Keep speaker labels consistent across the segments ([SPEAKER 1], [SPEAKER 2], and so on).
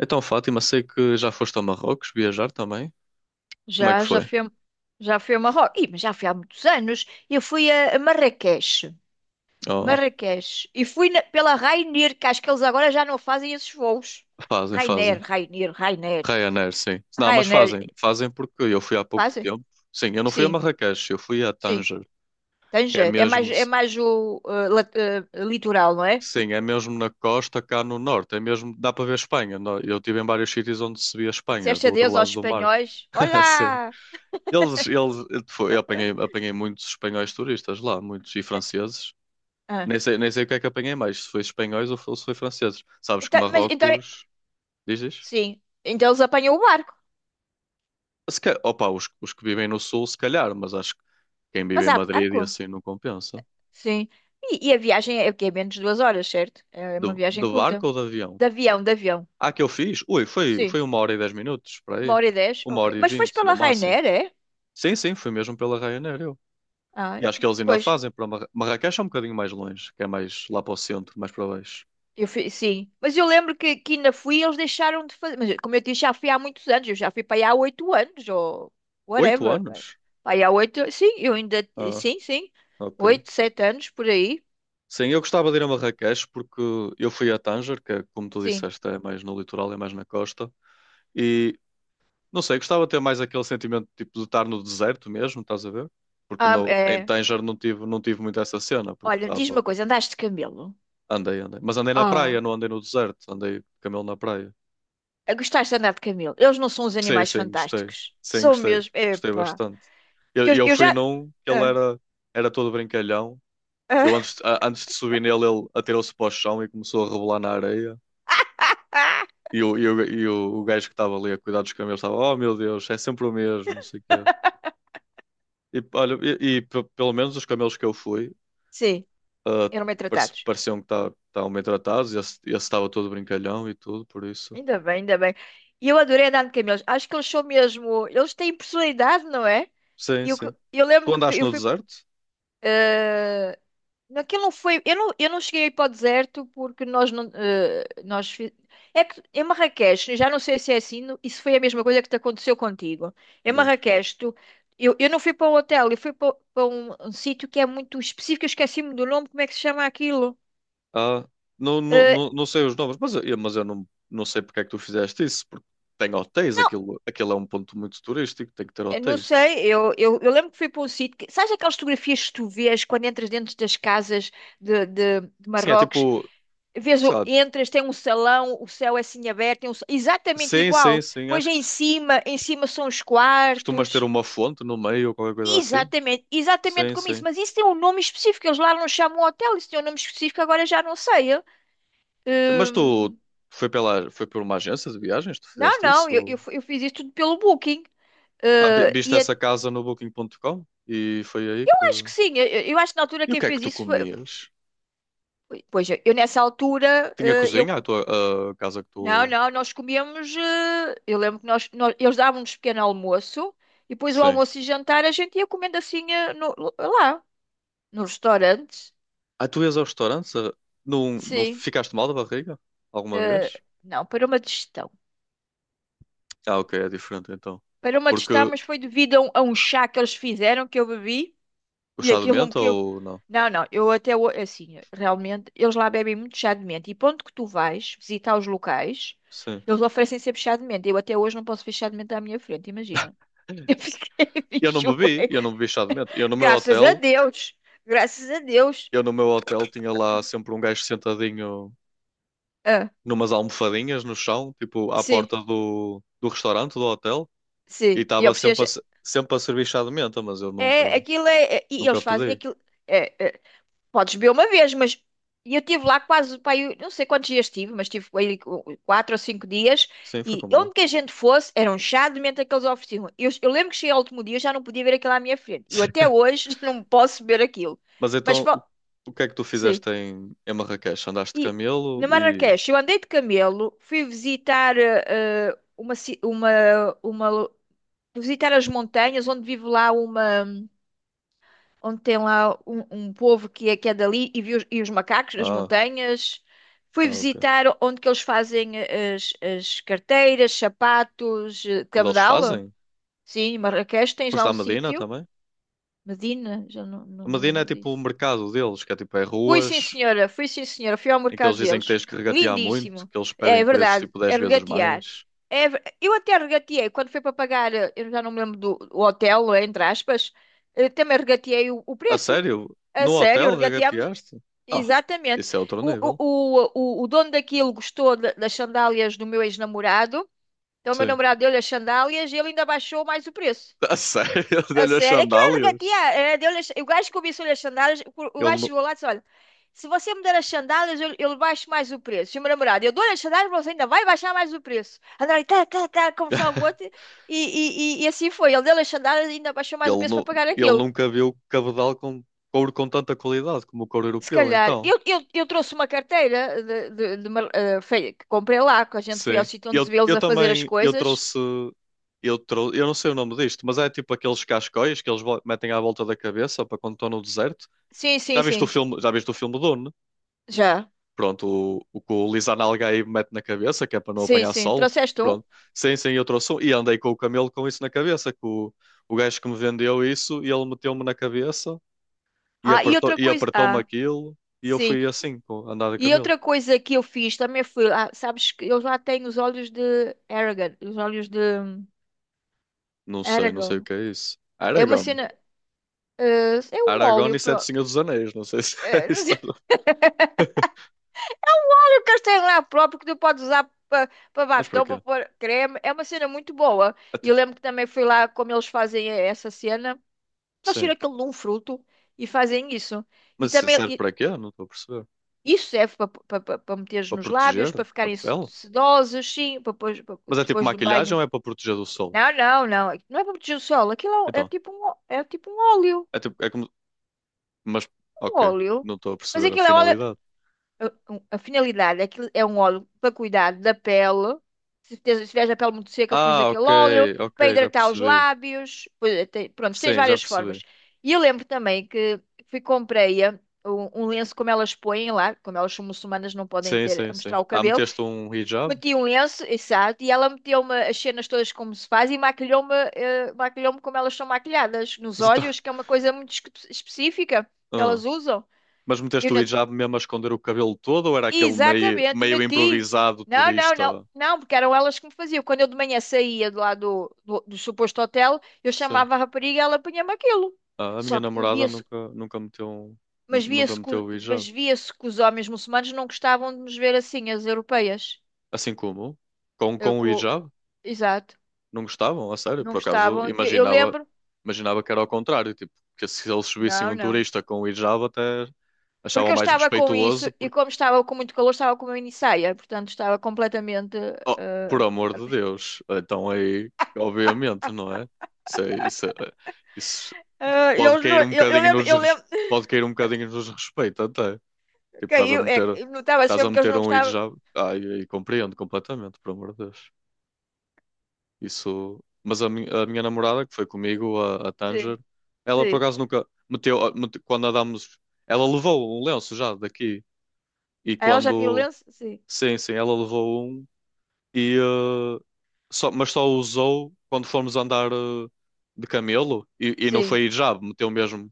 [SPEAKER 1] Então, Fátima, sei que já foste ao Marrocos viajar também. Como é que
[SPEAKER 2] Já, já
[SPEAKER 1] foi?
[SPEAKER 2] fui a, já fui a Marrocos. Ih, mas já fui há muitos anos. Eu fui a Marrakech.
[SPEAKER 1] Oh,
[SPEAKER 2] Marrakech. E pela Ryanair, que acho que eles agora já não fazem esses voos.
[SPEAKER 1] fazem, fazem.
[SPEAKER 2] Ryanair.
[SPEAKER 1] Ryanair, sim. Não, mas fazem.
[SPEAKER 2] Ryanair.
[SPEAKER 1] Fazem porque eu fui há pouco
[SPEAKER 2] Fazem?
[SPEAKER 1] tempo. Sim, eu não fui a
[SPEAKER 2] Sim,
[SPEAKER 1] Marrakech, eu fui a
[SPEAKER 2] sim.
[SPEAKER 1] Tanger, que é
[SPEAKER 2] Tanger.
[SPEAKER 1] mesmo,
[SPEAKER 2] É mais o litoral, não é?
[SPEAKER 1] sim, é mesmo na costa cá no norte. É mesmo, dá para ver Espanha. Eu estive em vários sítios onde se via
[SPEAKER 2] E
[SPEAKER 1] Espanha,
[SPEAKER 2] disseste
[SPEAKER 1] do outro
[SPEAKER 2] adeus aos
[SPEAKER 1] lado do mar.
[SPEAKER 2] espanhóis.
[SPEAKER 1] Sim.
[SPEAKER 2] Olá!
[SPEAKER 1] Eu apanhei, apanhei muitos espanhóis turistas lá, muitos e franceses.
[SPEAKER 2] Ah,
[SPEAKER 1] Nem sei o que é que apanhei mais, se foi espanhóis ou se foi franceses. Sabes que
[SPEAKER 2] então,
[SPEAKER 1] Marrocos. Diz, diz.
[SPEAKER 2] sim. Então eles apanham o barco.
[SPEAKER 1] Se ca- Opa, os que vivem no sul, se calhar, mas acho que quem vive
[SPEAKER 2] Mas
[SPEAKER 1] em
[SPEAKER 2] há
[SPEAKER 1] Madrid e
[SPEAKER 2] barco?
[SPEAKER 1] assim não compensa.
[SPEAKER 2] Sim. E a viagem é o quê? É menos de duas horas, certo? É
[SPEAKER 1] De,
[SPEAKER 2] uma viagem
[SPEAKER 1] de
[SPEAKER 2] curta.
[SPEAKER 1] barco ou de avião?
[SPEAKER 2] De avião.
[SPEAKER 1] Ah, que eu fiz? Ui, foi,
[SPEAKER 2] Sim.
[SPEAKER 1] foi 1 hora e 10 minutos, para
[SPEAKER 2] Uma
[SPEAKER 1] aí.
[SPEAKER 2] hora e dez?
[SPEAKER 1] Uma
[SPEAKER 2] Ok.
[SPEAKER 1] hora e
[SPEAKER 2] Mas foste
[SPEAKER 1] vinte,
[SPEAKER 2] pela
[SPEAKER 1] no máximo.
[SPEAKER 2] Ryanair, é?
[SPEAKER 1] Sim, sim, foi mesmo pela Ryanair, eu.
[SPEAKER 2] Ah,
[SPEAKER 1] E acho que eles ainda
[SPEAKER 2] pois.
[SPEAKER 1] fazem para Marrakech é um bocadinho mais longe, que é mais lá para o centro, mais para baixo.
[SPEAKER 2] Eu fui, sim. Mas eu lembro que ainda fui e eles deixaram de fazer. Mas como eu disse, já fui há muitos anos. Eu já fui para aí há oito anos ou
[SPEAKER 1] Oito
[SPEAKER 2] whatever, pá.
[SPEAKER 1] anos?
[SPEAKER 2] Para aí há oito. Sim, eu ainda.
[SPEAKER 1] Ah,
[SPEAKER 2] Sim, sim.
[SPEAKER 1] ok.
[SPEAKER 2] Oito, sete anos por aí.
[SPEAKER 1] Sim, eu gostava de ir a Marrakech porque eu fui a Tanger, que é, como tu
[SPEAKER 2] Sim.
[SPEAKER 1] disseste, é mais no litoral, é mais na costa. E não sei, gostava de ter mais aquele sentimento tipo de estar no deserto mesmo, estás a ver? Porque
[SPEAKER 2] Ah,
[SPEAKER 1] em
[SPEAKER 2] é.
[SPEAKER 1] Tanger não tive muito essa cena, porque
[SPEAKER 2] Olha, diz-me uma
[SPEAKER 1] estava.
[SPEAKER 2] coisa. Andaste de camelo?
[SPEAKER 1] Andei, andei. Mas andei na praia,
[SPEAKER 2] Ah.
[SPEAKER 1] não andei no deserto, andei de camelo na praia.
[SPEAKER 2] A Gostaste de andar de camelo? Eles não são os
[SPEAKER 1] Sim,
[SPEAKER 2] animais
[SPEAKER 1] sim, gostei.
[SPEAKER 2] fantásticos?
[SPEAKER 1] Sim,
[SPEAKER 2] São
[SPEAKER 1] gostei.
[SPEAKER 2] mesmo.
[SPEAKER 1] Gostei
[SPEAKER 2] Epá.
[SPEAKER 1] bastante. Eu,
[SPEAKER 2] Que
[SPEAKER 1] eu
[SPEAKER 2] eu
[SPEAKER 1] fui
[SPEAKER 2] já.
[SPEAKER 1] num que ele
[SPEAKER 2] Ah,
[SPEAKER 1] era todo brincalhão. Eu
[SPEAKER 2] ah,
[SPEAKER 1] antes, antes de subir nele, ele atirou-se para o chão e começou a rebolar na areia.
[SPEAKER 2] ah,
[SPEAKER 1] E o gajo que estava ali a cuidar dos camelos estava, oh meu Deus, é sempre o mesmo, não sei o quê. E, olha, pelo menos os camelos que eu fui,
[SPEAKER 2] sim,
[SPEAKER 1] ah,
[SPEAKER 2] eram bem tratados.
[SPEAKER 1] pareciam que estavam bem tratados, esse estava todo brincalhão e tudo, por isso.
[SPEAKER 2] Ainda bem, ainda bem. E eu adorei andar de camelos. Acho que eles são mesmo. Eles têm personalidade, não é?
[SPEAKER 1] Sim,
[SPEAKER 2] E eu, que-
[SPEAKER 1] sim.
[SPEAKER 2] eu lembro
[SPEAKER 1] Tu
[SPEAKER 2] que fui-
[SPEAKER 1] andaste
[SPEAKER 2] eu
[SPEAKER 1] no
[SPEAKER 2] fui.
[SPEAKER 1] deserto?
[SPEAKER 2] Eh, Aquilo não foi. Eu não cheguei aí para o deserto porque nós não. eh, nós fi- é que em Marrakech, já não sei se é assim, isso foi a mesma coisa que te aconteceu contigo. Em
[SPEAKER 1] Diz.
[SPEAKER 2] Marrakech, eu não fui para um hotel, eu fui para, um sítio que é muito específico, eu esqueci-me do nome, como é que se chama aquilo?
[SPEAKER 1] Ah, não, não,
[SPEAKER 2] Eh,
[SPEAKER 1] não, não sei os nomes, mas eu não sei porque é que tu fizeste isso, porque tem hotéis, aquilo é um ponto muito turístico, tem que ter
[SPEAKER 2] eu não
[SPEAKER 1] hotéis.
[SPEAKER 2] sei, eu lembro que fui para um sítio. Que, sabes aquelas fotografias que tu vês quando entras dentro das casas de
[SPEAKER 1] Sim, é
[SPEAKER 2] Marrocos?
[SPEAKER 1] tipo, sei lá,
[SPEAKER 2] Entras, tem um salão, o céu é assim aberto, exatamente
[SPEAKER 1] sim, sim,
[SPEAKER 2] igual.
[SPEAKER 1] sim,
[SPEAKER 2] Pois
[SPEAKER 1] acho
[SPEAKER 2] é
[SPEAKER 1] que
[SPEAKER 2] em cima são os
[SPEAKER 1] costumas ter
[SPEAKER 2] quartos.
[SPEAKER 1] uma fonte no meio ou qualquer coisa assim.
[SPEAKER 2] Exatamente, exatamente
[SPEAKER 1] Sim,
[SPEAKER 2] como isso.
[SPEAKER 1] sim.
[SPEAKER 2] Mas isso tem um nome específico, eles lá não chamam hotel, isso tem um nome específico, agora já não sei. Eu.
[SPEAKER 1] Mas tu
[SPEAKER 2] Hum,
[SPEAKER 1] foi por uma agência de viagens, tu
[SPEAKER 2] não,
[SPEAKER 1] fizeste isso?
[SPEAKER 2] eu fiz isso tudo pelo Booking.
[SPEAKER 1] Ah, viste essa
[SPEAKER 2] Eu
[SPEAKER 1] casa no Booking.com? E foi aí que.
[SPEAKER 2] acho que sim, eu acho que na altura
[SPEAKER 1] E o
[SPEAKER 2] quem
[SPEAKER 1] que é que
[SPEAKER 2] fez
[SPEAKER 1] tu
[SPEAKER 2] isso
[SPEAKER 1] comias?
[SPEAKER 2] pois eu nessa altura,
[SPEAKER 1] Tinha cozinha, a casa que
[SPEAKER 2] não,
[SPEAKER 1] tu.
[SPEAKER 2] não, nós comíamos. Eh, Eu lembro que nós- Eles davam-nos pequeno almoço e depois o
[SPEAKER 1] Sim.
[SPEAKER 2] almoço e jantar a gente ia comendo assim lá, nos restaurantes.
[SPEAKER 1] Ah, tu ias ao restaurante? Não, não
[SPEAKER 2] Sim.
[SPEAKER 1] ficaste mal da barriga? Alguma
[SPEAKER 2] eh,
[SPEAKER 1] vez?
[SPEAKER 2] não, para uma digestão.
[SPEAKER 1] Ah, ok, é diferente então.
[SPEAKER 2] Para uma
[SPEAKER 1] Porque
[SPEAKER 2] digestão, mas foi devido a a um chá que eles fizeram que eu bebi
[SPEAKER 1] o
[SPEAKER 2] e
[SPEAKER 1] chá de
[SPEAKER 2] aquilo me
[SPEAKER 1] menta
[SPEAKER 2] que eu.
[SPEAKER 1] ou não?
[SPEAKER 2] Não, não, assim, realmente, eles lá bebem muito chá de menta e ponto que tu vais visitar os locais,
[SPEAKER 1] Sim.
[SPEAKER 2] eles oferecem sempre chá de menta. Eu até hoje não posso ver chá de menta à minha frente, imagina. Eu fiquei
[SPEAKER 1] Eu não
[SPEAKER 2] bicho.
[SPEAKER 1] bebi, eu não bebi chá de menta. Eu no meu
[SPEAKER 2] Graças a
[SPEAKER 1] hotel,
[SPEAKER 2] Deus. Graças a Deus.
[SPEAKER 1] eu no meu hotel tinha lá sempre um gajo sentadinho
[SPEAKER 2] Ah,
[SPEAKER 1] numas almofadinhas no chão, tipo à
[SPEAKER 2] sim,
[SPEAKER 1] porta do restaurante, do hotel. E
[SPEAKER 2] sim. E
[SPEAKER 1] estava
[SPEAKER 2] eles,
[SPEAKER 1] sempre a, se- sempre a servir chá de menta, mas eu nunca,
[SPEAKER 2] e
[SPEAKER 1] nunca
[SPEAKER 2] eles fazem
[SPEAKER 1] pedi.
[SPEAKER 2] aquilo. É, é, podes beber uma vez, mas. E eu estive lá quase, pá, eu não sei quantos dias tive, mas tive aí quatro ou cinco dias.
[SPEAKER 1] Sim, foi
[SPEAKER 2] E
[SPEAKER 1] como eu.
[SPEAKER 2] onde que a gente fosse, era um chá de menta que eles ofereciam. Eu lembro que cheguei ao último dia, eu já não podia ver aquilo à minha frente. Eu até hoje não posso ver aquilo.
[SPEAKER 1] Mas
[SPEAKER 2] Mas,
[SPEAKER 1] então, o,
[SPEAKER 2] fa-
[SPEAKER 1] o que é que tu
[SPEAKER 2] sim.
[SPEAKER 1] fizeste em Marrakech? Andaste de
[SPEAKER 2] E
[SPEAKER 1] camelo
[SPEAKER 2] na
[SPEAKER 1] e.
[SPEAKER 2] Marrakech, eu andei de camelo, fui visitar eh, eh, uma, ci- uma, lo- fui visitar as montanhas onde vive lá uma, onde tem lá um um povo que é dali e vi os macacos nas
[SPEAKER 1] Ah,
[SPEAKER 2] montanhas. Fui
[SPEAKER 1] ok.
[SPEAKER 2] visitar onde que eles fazem as, as carteiras, sapatos, eh,
[SPEAKER 1] Onde eles
[SPEAKER 2] cabedal.
[SPEAKER 1] fazem?
[SPEAKER 2] Sim, em Marrakech tens lá
[SPEAKER 1] Foste à
[SPEAKER 2] um
[SPEAKER 1] Medina
[SPEAKER 2] sítio.
[SPEAKER 1] também?
[SPEAKER 2] Medina, já não, não
[SPEAKER 1] A
[SPEAKER 2] me
[SPEAKER 1] Medina é
[SPEAKER 2] lembro
[SPEAKER 1] tipo o
[SPEAKER 2] disso.
[SPEAKER 1] mercado deles, que é tipo é
[SPEAKER 2] Fui sim,
[SPEAKER 1] ruas
[SPEAKER 2] senhora. Fui sim, senhora. Fui ao
[SPEAKER 1] em que eles
[SPEAKER 2] mercado
[SPEAKER 1] dizem que
[SPEAKER 2] deles.
[SPEAKER 1] tens que regatear muito,
[SPEAKER 2] Lindíssimo.
[SPEAKER 1] que eles pedem
[SPEAKER 2] É
[SPEAKER 1] preços
[SPEAKER 2] verdade.
[SPEAKER 1] tipo dez
[SPEAKER 2] É
[SPEAKER 1] vezes
[SPEAKER 2] regatear.
[SPEAKER 1] mais.
[SPEAKER 2] Eu até regateei quando foi para pagar, eu já não me lembro do o hotel, não é? Entre aspas, também regateei o
[SPEAKER 1] A
[SPEAKER 2] preço.
[SPEAKER 1] sério?
[SPEAKER 2] A
[SPEAKER 1] No
[SPEAKER 2] sério,
[SPEAKER 1] hotel
[SPEAKER 2] regateámos.
[SPEAKER 1] regateaste? Ah,
[SPEAKER 2] Exatamente.
[SPEAKER 1] isso é outro
[SPEAKER 2] O, o,
[SPEAKER 1] nível.
[SPEAKER 2] o, o dono daquilo gostou das sandálias do meu ex-namorado. Então, o meu
[SPEAKER 1] Sim.
[SPEAKER 2] namorado deu-lhe as sandálias e ele ainda baixou mais o preço.
[SPEAKER 1] A sério?
[SPEAKER 2] Eu
[SPEAKER 1] Deu-lhe as
[SPEAKER 2] sei, é claro que a
[SPEAKER 1] sandálias?
[SPEAKER 2] tia, é, deu. O gajo que cobiçou-lhe as sandálias, o
[SPEAKER 1] Ele
[SPEAKER 2] gajo
[SPEAKER 1] não.
[SPEAKER 2] chegou lá e disse: olha, se você me der as sandálias, eu baixo mais o preço. E o meu namorado: eu dou-lhe as sandálias, você ainda vai baixar mais o preço. Andaram ali, tá, tá, tá, a conversar com o outro, e assim foi. Ele deu-lhe as sandálias e ainda baixou mais o
[SPEAKER 1] Ele,
[SPEAKER 2] preço para
[SPEAKER 1] nu-
[SPEAKER 2] pagar
[SPEAKER 1] ele
[SPEAKER 2] aquilo.
[SPEAKER 1] nunca viu cabedal com couro com tanta qualidade como o couro
[SPEAKER 2] Se
[SPEAKER 1] europeu,
[SPEAKER 2] calhar,
[SPEAKER 1] então.
[SPEAKER 2] eu trouxe uma carteira de uma- eh, fe- que comprei lá, que a gente foi ao
[SPEAKER 1] Sim.
[SPEAKER 2] sítio onde se
[SPEAKER 1] Eu,
[SPEAKER 2] vê eles
[SPEAKER 1] eu
[SPEAKER 2] a fazer as
[SPEAKER 1] também, eu
[SPEAKER 2] coisas.
[SPEAKER 1] trouxe, eu trouxe, eu não sei o nome disto, mas é tipo aqueles cascóis que eles metem à volta da cabeça para quando estão no deserto.
[SPEAKER 2] Sim,
[SPEAKER 1] Já
[SPEAKER 2] sim,
[SPEAKER 1] viste o
[SPEAKER 2] sim,
[SPEAKER 1] filme, já viste o filme Dune?
[SPEAKER 2] já.
[SPEAKER 1] Pronto, o que o Lisan Algaí mete na cabeça, que é para não
[SPEAKER 2] Sim,
[SPEAKER 1] apanhar
[SPEAKER 2] sim,
[SPEAKER 1] sol.
[SPEAKER 2] trouxeste um?
[SPEAKER 1] Pronto. Sim, sim, eu trouxe um. E andei com o camelo com isso na cabeça, que o gajo que me vendeu isso, e ele meteu-me na cabeça. e
[SPEAKER 2] Ah, e
[SPEAKER 1] apertou,
[SPEAKER 2] outra
[SPEAKER 1] e
[SPEAKER 2] coisa,
[SPEAKER 1] apertou-me
[SPEAKER 2] ah...
[SPEAKER 1] aquilo e eu
[SPEAKER 2] Sim.
[SPEAKER 1] fui assim, andar de
[SPEAKER 2] E
[SPEAKER 1] camelo.
[SPEAKER 2] outra coisa que eu fiz também foi, ah, sabes que eles lá têm os olhos de Aragorn, os olhos de
[SPEAKER 1] Não sei o
[SPEAKER 2] Aragorn.
[SPEAKER 1] que é isso.
[SPEAKER 2] É uma
[SPEAKER 1] Aragorn.
[SPEAKER 2] cena, é um
[SPEAKER 1] Aragorn
[SPEAKER 2] óleo,
[SPEAKER 1] e Sete Senhores dos Anéis, não sei se é
[SPEAKER 2] não
[SPEAKER 1] isto.
[SPEAKER 2] sei, eu quero ter lá próprio que tu podes usar para
[SPEAKER 1] Mas para
[SPEAKER 2] batom, para
[SPEAKER 1] quê?
[SPEAKER 2] pôr creme. É uma cena muito boa.
[SPEAKER 1] É
[SPEAKER 2] E eu
[SPEAKER 1] tipo,
[SPEAKER 2] lembro que também fui lá como eles fazem essa cena. Eles
[SPEAKER 1] sim.
[SPEAKER 2] tiram aquilo de um fruto e fazem isso. E
[SPEAKER 1] Mas
[SPEAKER 2] também
[SPEAKER 1] serve
[SPEAKER 2] e
[SPEAKER 1] para quê? Não estou a perceber.
[SPEAKER 2] isso serve para meteres
[SPEAKER 1] Para
[SPEAKER 2] nos lábios,
[SPEAKER 1] proteger
[SPEAKER 2] para
[SPEAKER 1] a
[SPEAKER 2] ficarem
[SPEAKER 1] pele?
[SPEAKER 2] sedosos, sim, para
[SPEAKER 1] Mas é tipo
[SPEAKER 2] depois do
[SPEAKER 1] maquilhagem
[SPEAKER 2] banho.
[SPEAKER 1] ou é para proteger do sol?
[SPEAKER 2] Não, não, não. Não é produto de solo. É
[SPEAKER 1] Então,
[SPEAKER 2] tipo é tipo um óleo.
[SPEAKER 1] é tipo, é como. Mas,
[SPEAKER 2] Um
[SPEAKER 1] ok,
[SPEAKER 2] óleo.
[SPEAKER 1] não estou a
[SPEAKER 2] Mas
[SPEAKER 1] perceber a
[SPEAKER 2] aquilo é um óleo.
[SPEAKER 1] finalidade.
[SPEAKER 2] A finalidade é que é um óleo para cuidar da pele. Se tiveres a pele muito seca, pões
[SPEAKER 1] Ah,
[SPEAKER 2] aquele
[SPEAKER 1] ok,
[SPEAKER 2] óleo para
[SPEAKER 1] ok, já
[SPEAKER 2] hidratar os
[SPEAKER 1] percebi.
[SPEAKER 2] lábios. Pronto, tens
[SPEAKER 1] Sim, já
[SPEAKER 2] várias
[SPEAKER 1] percebi.
[SPEAKER 2] formas. E eu lembro também que fui comprei a- um, um lenço como elas põem lá, como elas são muçulmanas, não podem
[SPEAKER 1] Sim,
[SPEAKER 2] ter
[SPEAKER 1] sim,
[SPEAKER 2] a
[SPEAKER 1] sim.
[SPEAKER 2] mostrar o
[SPEAKER 1] Ah,
[SPEAKER 2] cabelo.
[SPEAKER 1] meteste um hijab?
[SPEAKER 2] Meti um lenço, exato, e ela meteu-me as cenas todas como se faz e maquilhou-me como elas são maquilhadas, nos
[SPEAKER 1] Mas então.
[SPEAKER 2] olhos, que é uma coisa muito específica que
[SPEAKER 1] ah.
[SPEAKER 2] elas usam.
[SPEAKER 1] Mas
[SPEAKER 2] E
[SPEAKER 1] meteste
[SPEAKER 2] Eu
[SPEAKER 1] o
[SPEAKER 2] não...
[SPEAKER 1] hijab mesmo a esconder o cabelo todo ou era aquele meio,
[SPEAKER 2] Exatamente,
[SPEAKER 1] meio
[SPEAKER 2] meti.
[SPEAKER 1] improvisado
[SPEAKER 2] Não, não, não,
[SPEAKER 1] turista?
[SPEAKER 2] não, porque eram elas que me faziam. Quando eu de manhã saía de lá do suposto hotel, eu
[SPEAKER 1] Sim.
[SPEAKER 2] chamava a rapariga e ela punha-me aquilo.
[SPEAKER 1] Ah, a minha
[SPEAKER 2] Só que
[SPEAKER 1] namorada
[SPEAKER 2] via-se,
[SPEAKER 1] nunca, nunca meteu, um- nu-
[SPEAKER 2] mas
[SPEAKER 1] nunca
[SPEAKER 2] via-se,
[SPEAKER 1] meteu o
[SPEAKER 2] mas
[SPEAKER 1] hijab.
[SPEAKER 2] via-se que os homens muçulmanos não gostavam de nos ver assim, as europeias.
[SPEAKER 1] Assim como? Com,
[SPEAKER 2] Eu,
[SPEAKER 1] com o
[SPEAKER 2] co-
[SPEAKER 1] hijab?
[SPEAKER 2] Exato.
[SPEAKER 1] Não gostavam? A sério?
[SPEAKER 2] Não
[SPEAKER 1] Por acaso
[SPEAKER 2] gostavam. Que eu
[SPEAKER 1] imaginava,
[SPEAKER 2] lembro-me.
[SPEAKER 1] imaginava que era ao contrário. Tipo, que se eles subissem
[SPEAKER 2] Não,
[SPEAKER 1] um
[SPEAKER 2] não.
[SPEAKER 1] turista com o hijab até
[SPEAKER 2] Porque
[SPEAKER 1] achavam
[SPEAKER 2] eu
[SPEAKER 1] mais
[SPEAKER 2] estava com isso
[SPEAKER 1] respeituoso
[SPEAKER 2] e
[SPEAKER 1] porque,
[SPEAKER 2] como estava com muito calor, estava com uma minissaia, portanto estava completamente.
[SPEAKER 1] oh,
[SPEAKER 2] Ah,
[SPEAKER 1] por amor de Deus. Então aí, obviamente, não é? Isso, é- isso, é- isso
[SPEAKER 2] ah,
[SPEAKER 1] pode
[SPEAKER 2] eles não,
[SPEAKER 1] cair um bocadinho nos,
[SPEAKER 2] eu
[SPEAKER 1] res-
[SPEAKER 2] lembro,
[SPEAKER 1] pode cair um bocadinho nos respeito até. Tipo, estás a
[SPEAKER 2] caiu, é,
[SPEAKER 1] meter,
[SPEAKER 2] notava-se
[SPEAKER 1] estás a
[SPEAKER 2] mesmo que eles
[SPEAKER 1] meter
[SPEAKER 2] não
[SPEAKER 1] um ir
[SPEAKER 2] gostavam.
[SPEAKER 1] já. Ai, ai, compreendo completamente, pelo amor de Deus. Isso. Mas a minha namorada, que foi comigo, a Tanger,
[SPEAKER 2] Sim,
[SPEAKER 1] ela por
[SPEAKER 2] sim.
[SPEAKER 1] acaso nunca meteu quando andámos, ela levou um lenço já daqui. E
[SPEAKER 2] Ah, ela já tinha o
[SPEAKER 1] quando,
[SPEAKER 2] lenço? Sim,
[SPEAKER 1] sim, sim, ela levou um e mas só usou quando fomos andar de camelo e não
[SPEAKER 2] sim.
[SPEAKER 1] foi hijab, meteu mesmo.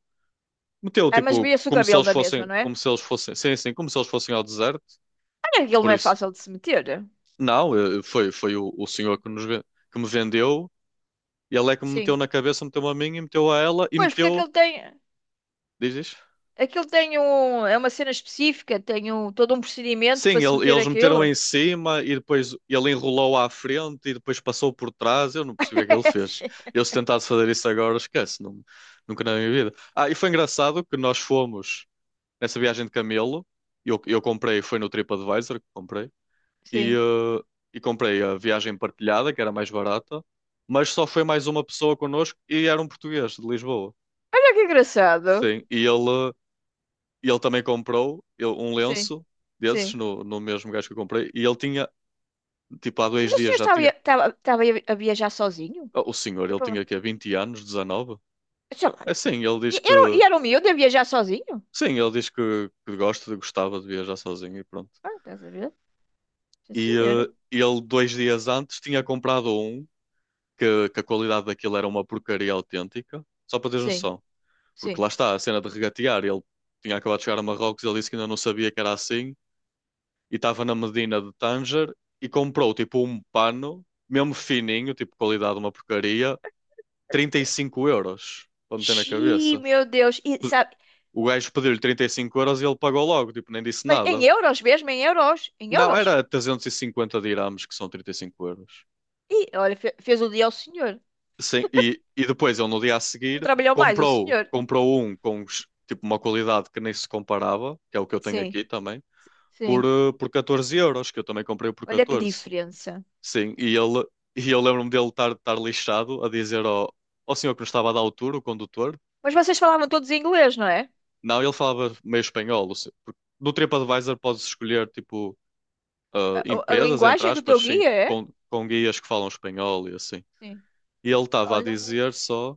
[SPEAKER 1] Meteu,
[SPEAKER 2] Ah, mas
[SPEAKER 1] tipo,
[SPEAKER 2] via-se o
[SPEAKER 1] como se
[SPEAKER 2] cabelo
[SPEAKER 1] eles
[SPEAKER 2] da mesma,
[SPEAKER 1] fossem,
[SPEAKER 2] não é?
[SPEAKER 1] como se eles fossem, sim, sim, como se eles fossem ao deserto.
[SPEAKER 2] Ah, aquilo
[SPEAKER 1] Por
[SPEAKER 2] não é
[SPEAKER 1] isso,
[SPEAKER 2] fácil de se meter.
[SPEAKER 1] não, foi o senhor que que me vendeu, e ele é que me meteu
[SPEAKER 2] Sim.
[SPEAKER 1] na cabeça, meteu-me a mim e meteu a ela e
[SPEAKER 2] Pois, porque
[SPEAKER 1] meteu, dizes?
[SPEAKER 2] aquilo tem um, é uma cena específica, tem um, todo um procedimento para
[SPEAKER 1] Sim,
[SPEAKER 2] se meter
[SPEAKER 1] eles meteram
[SPEAKER 2] aquilo.
[SPEAKER 1] em cima e depois ele enrolou à frente e depois passou por trás. Eu não percebi o que é que ele fez. Eu, se tentasse fazer isso agora, esquece, não, nunca na minha vida. Ah, e foi engraçado que nós fomos nessa viagem de camelo. Eu comprei, foi no TripAdvisor que comprei. e,
[SPEAKER 2] Sim.
[SPEAKER 1] eh, e comprei a viagem partilhada, que era mais barata, mas só foi mais uma pessoa connosco e era um português de Lisboa.
[SPEAKER 2] Olha que engraçado.
[SPEAKER 1] Sim, e ele também comprou um
[SPEAKER 2] Sim,
[SPEAKER 1] lenço desses
[SPEAKER 2] sim.
[SPEAKER 1] no mesmo gajo que eu comprei e ele tinha, tipo, há
[SPEAKER 2] Mas
[SPEAKER 1] dois
[SPEAKER 2] o
[SPEAKER 1] dias
[SPEAKER 2] senhor
[SPEAKER 1] já
[SPEAKER 2] estava,
[SPEAKER 1] tinha.
[SPEAKER 2] estava a viajar sozinho?
[SPEAKER 1] Oh, o senhor,
[SPEAKER 2] Foi
[SPEAKER 1] ele
[SPEAKER 2] para-
[SPEAKER 1] tinha
[SPEAKER 2] lá.
[SPEAKER 1] aqui 20 anos, 19?
[SPEAKER 2] Sei lá.
[SPEAKER 1] É sim, ele diz que.
[SPEAKER 2] E era o miúdo a viajar sozinho?
[SPEAKER 1] Sim, ele diz que gostava de viajar sozinho e pronto.
[SPEAKER 2] Ah, estás a ver? Sim,
[SPEAKER 1] E
[SPEAKER 2] senhora.
[SPEAKER 1] ele, 2 dias antes, tinha comprado um que a qualidade daquilo era uma porcaria autêntica, só para teres
[SPEAKER 2] Sim,
[SPEAKER 1] noção. Porque
[SPEAKER 2] sim.
[SPEAKER 1] lá está, a cena de regatear. Ele tinha acabado de chegar a Marrocos, ele disse que ainda não sabia que era assim, e estava na Medina de Tanger e comprou tipo um pano, mesmo fininho, tipo qualidade uma porcaria, 35€ para meter na
[SPEAKER 2] Xiii,
[SPEAKER 1] cabeça.
[SPEAKER 2] meu Deus. E,
[SPEAKER 1] Pe-
[SPEAKER 2] sabe,
[SPEAKER 1] O gajo pediu-lhe 35€ e ele pagou logo, tipo, nem disse
[SPEAKER 2] mas em
[SPEAKER 1] nada.
[SPEAKER 2] euros mesmo, em euros. Em
[SPEAKER 1] Não,
[SPEAKER 2] euros.
[SPEAKER 1] era 350 dirhams, que são 35 euros.
[SPEAKER 2] E olha, fez o dia ao senhor.
[SPEAKER 1] Sim, e depois ele no dia a
[SPEAKER 2] Não
[SPEAKER 1] seguir
[SPEAKER 2] trabalhou mais o
[SPEAKER 1] comprou,
[SPEAKER 2] senhor.
[SPEAKER 1] comprou um com tipo uma qualidade que nem se comparava, que é o que eu tenho
[SPEAKER 2] Sim,
[SPEAKER 1] aqui também por,
[SPEAKER 2] sim.
[SPEAKER 1] eh, por 14€, que eu também comprei por
[SPEAKER 2] Olha que
[SPEAKER 1] 14.
[SPEAKER 2] diferença.
[SPEAKER 1] Sim, e eu lembro-me dele estar lixado a dizer ao senhor que nos estava a dar o tour, o condutor.
[SPEAKER 2] Mas vocês falavam todos em inglês, não é?
[SPEAKER 1] Não, ele falava meio espanhol, o se- porque no TripAdvisor podes escolher, tipo,
[SPEAKER 2] A
[SPEAKER 1] empresas, entre
[SPEAKER 2] linguagem do
[SPEAKER 1] aspas,
[SPEAKER 2] teu
[SPEAKER 1] sim,
[SPEAKER 2] guia é?
[SPEAKER 1] com guias que falam espanhol e assim.
[SPEAKER 2] Sim.
[SPEAKER 1] E ele estava a
[SPEAKER 2] Olha.
[SPEAKER 1] dizer só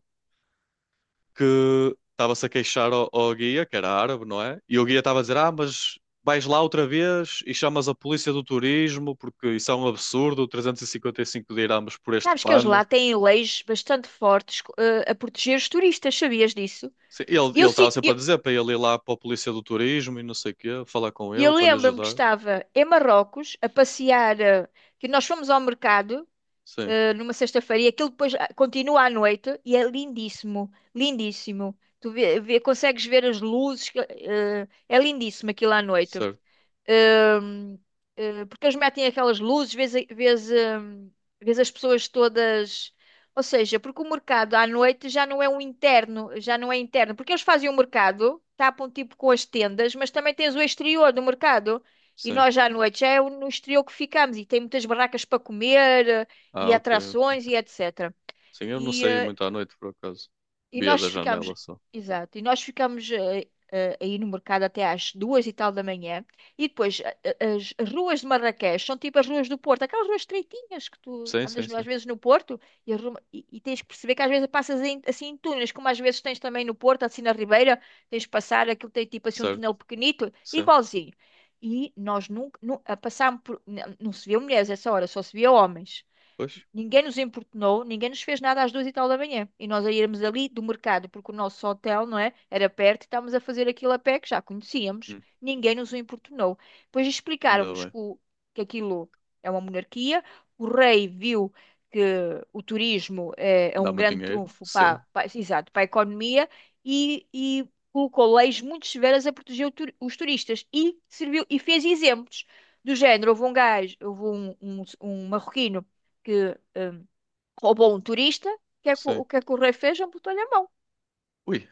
[SPEAKER 1] que estava-se a queixar ao guia, que era árabe, não é? E o guia estava a dizer: Ah, mas vais lá outra vez e chamas a polícia do turismo, porque isso é um absurdo, 355 dirhams por este
[SPEAKER 2] Sabes que eles
[SPEAKER 1] pano.
[SPEAKER 2] lá têm leis bastante fortes, eh, a proteger os turistas, sabias disso?
[SPEAKER 1] Sim, Ele
[SPEAKER 2] Eu,
[SPEAKER 1] ele estava
[SPEAKER 2] sim.
[SPEAKER 1] sempre a
[SPEAKER 2] eu,
[SPEAKER 1] dizer para ele ir lá para a polícia do turismo e não sei o quê, falar com ele
[SPEAKER 2] eu
[SPEAKER 1] para lhe
[SPEAKER 2] lembro-me que
[SPEAKER 1] ajudar.
[SPEAKER 2] estava em Marrocos a passear, que nós fomos ao mercado,
[SPEAKER 1] Sim,
[SPEAKER 2] numa sexta-feira, e aquilo depois ah, continua à noite, e é lindíssimo, lindíssimo. Consegues ver as luzes, é lindíssimo aquilo à noite.
[SPEAKER 1] certo,
[SPEAKER 2] Hum, Porque eles metem aquelas luzes, vês as pessoas todas. Ou seja, porque o mercado à noite já não é um interno, já não é interno. Porque eles fazem o mercado, tapam tipo com as tendas, mas também tens o exterior do mercado. E
[SPEAKER 1] sim.
[SPEAKER 2] nós já à noite já é no exterior que ficamos e tem muitas barracas para comer, e
[SPEAKER 1] Ah, ok, ok.
[SPEAKER 2] atrações e etc.
[SPEAKER 1] Sim, eu não
[SPEAKER 2] E,
[SPEAKER 1] saí
[SPEAKER 2] eh,
[SPEAKER 1] muito à noite, por acaso.
[SPEAKER 2] e
[SPEAKER 1] Via
[SPEAKER 2] nós
[SPEAKER 1] da
[SPEAKER 2] ficámos,
[SPEAKER 1] janela só.
[SPEAKER 2] exato, e nós ficámos aí no mercado até às duas e tal da manhã. E depois a- a- As ruas de Marrakech são tipo as ruas do Porto, aquelas ruas estreitinhas que tu
[SPEAKER 1] Sim, sim,
[SPEAKER 2] andas no- às
[SPEAKER 1] sim.
[SPEAKER 2] vezes no Porto e tens que perceber que às vezes assim em túneis, como às vezes tens também no Porto, assim na Ribeira, tens de passar, aquilo tem tipo assim um
[SPEAKER 1] Certo,
[SPEAKER 2] túnel pequenito,
[SPEAKER 1] sim.
[SPEAKER 2] igualzinho. E nós nunca, nu- a Passámos por, não, não se via mulheres essa hora, só se via homens.
[SPEAKER 1] Pois,
[SPEAKER 2] Ninguém nos importunou, ninguém nos fez nada às duas e tal da manhã. E nós a irmos ali do mercado, porque o nosso hotel, não é? Era perto e estávamos a fazer aquilo a pé que já conhecíamos.
[SPEAKER 1] hum,
[SPEAKER 2] Ninguém nos o importunou. Depois
[SPEAKER 1] ainda
[SPEAKER 2] explicaram-nos que,
[SPEAKER 1] bem.
[SPEAKER 2] aquilo é uma monarquia. O rei viu que o turismo é, é
[SPEAKER 1] Dá
[SPEAKER 2] um
[SPEAKER 1] muito
[SPEAKER 2] grande
[SPEAKER 1] dinheiro?
[SPEAKER 2] trunfo
[SPEAKER 1] Sim,
[SPEAKER 2] exato, para a economia e colocou leis muito severas a proteger os turistas e serviu e fez exemplos. Do género, houve um marroquino que roubou um turista. O que é que
[SPEAKER 1] sim.
[SPEAKER 2] o rei fez? Amputou-lhe a mão.
[SPEAKER 1] Ui.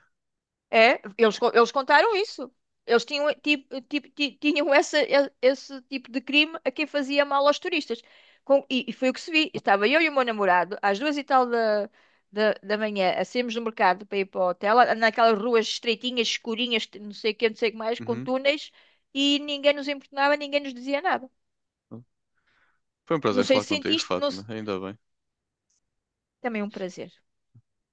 [SPEAKER 2] É, eles contaram isso. Eles tinham, tinham esse tipo de crime a quem fazia mal aos turistas. E foi o que se vi. Estava eu e o meu namorado, às duas e tal da manhã, a sairmos do mercado para ir para o hotel, naquelas ruas estreitinhas, escurinhas, que não sei o que, não sei o que mais, com
[SPEAKER 1] Uhum.
[SPEAKER 2] túneis, e ninguém nos importunava, ninguém nos dizia nada.
[SPEAKER 1] Foi um
[SPEAKER 2] Não
[SPEAKER 1] prazer
[SPEAKER 2] sei
[SPEAKER 1] falar
[SPEAKER 2] se
[SPEAKER 1] contigo,
[SPEAKER 2] sentiste, não se-
[SPEAKER 1] Fátima. Ainda bem.
[SPEAKER 2] Também é um prazer.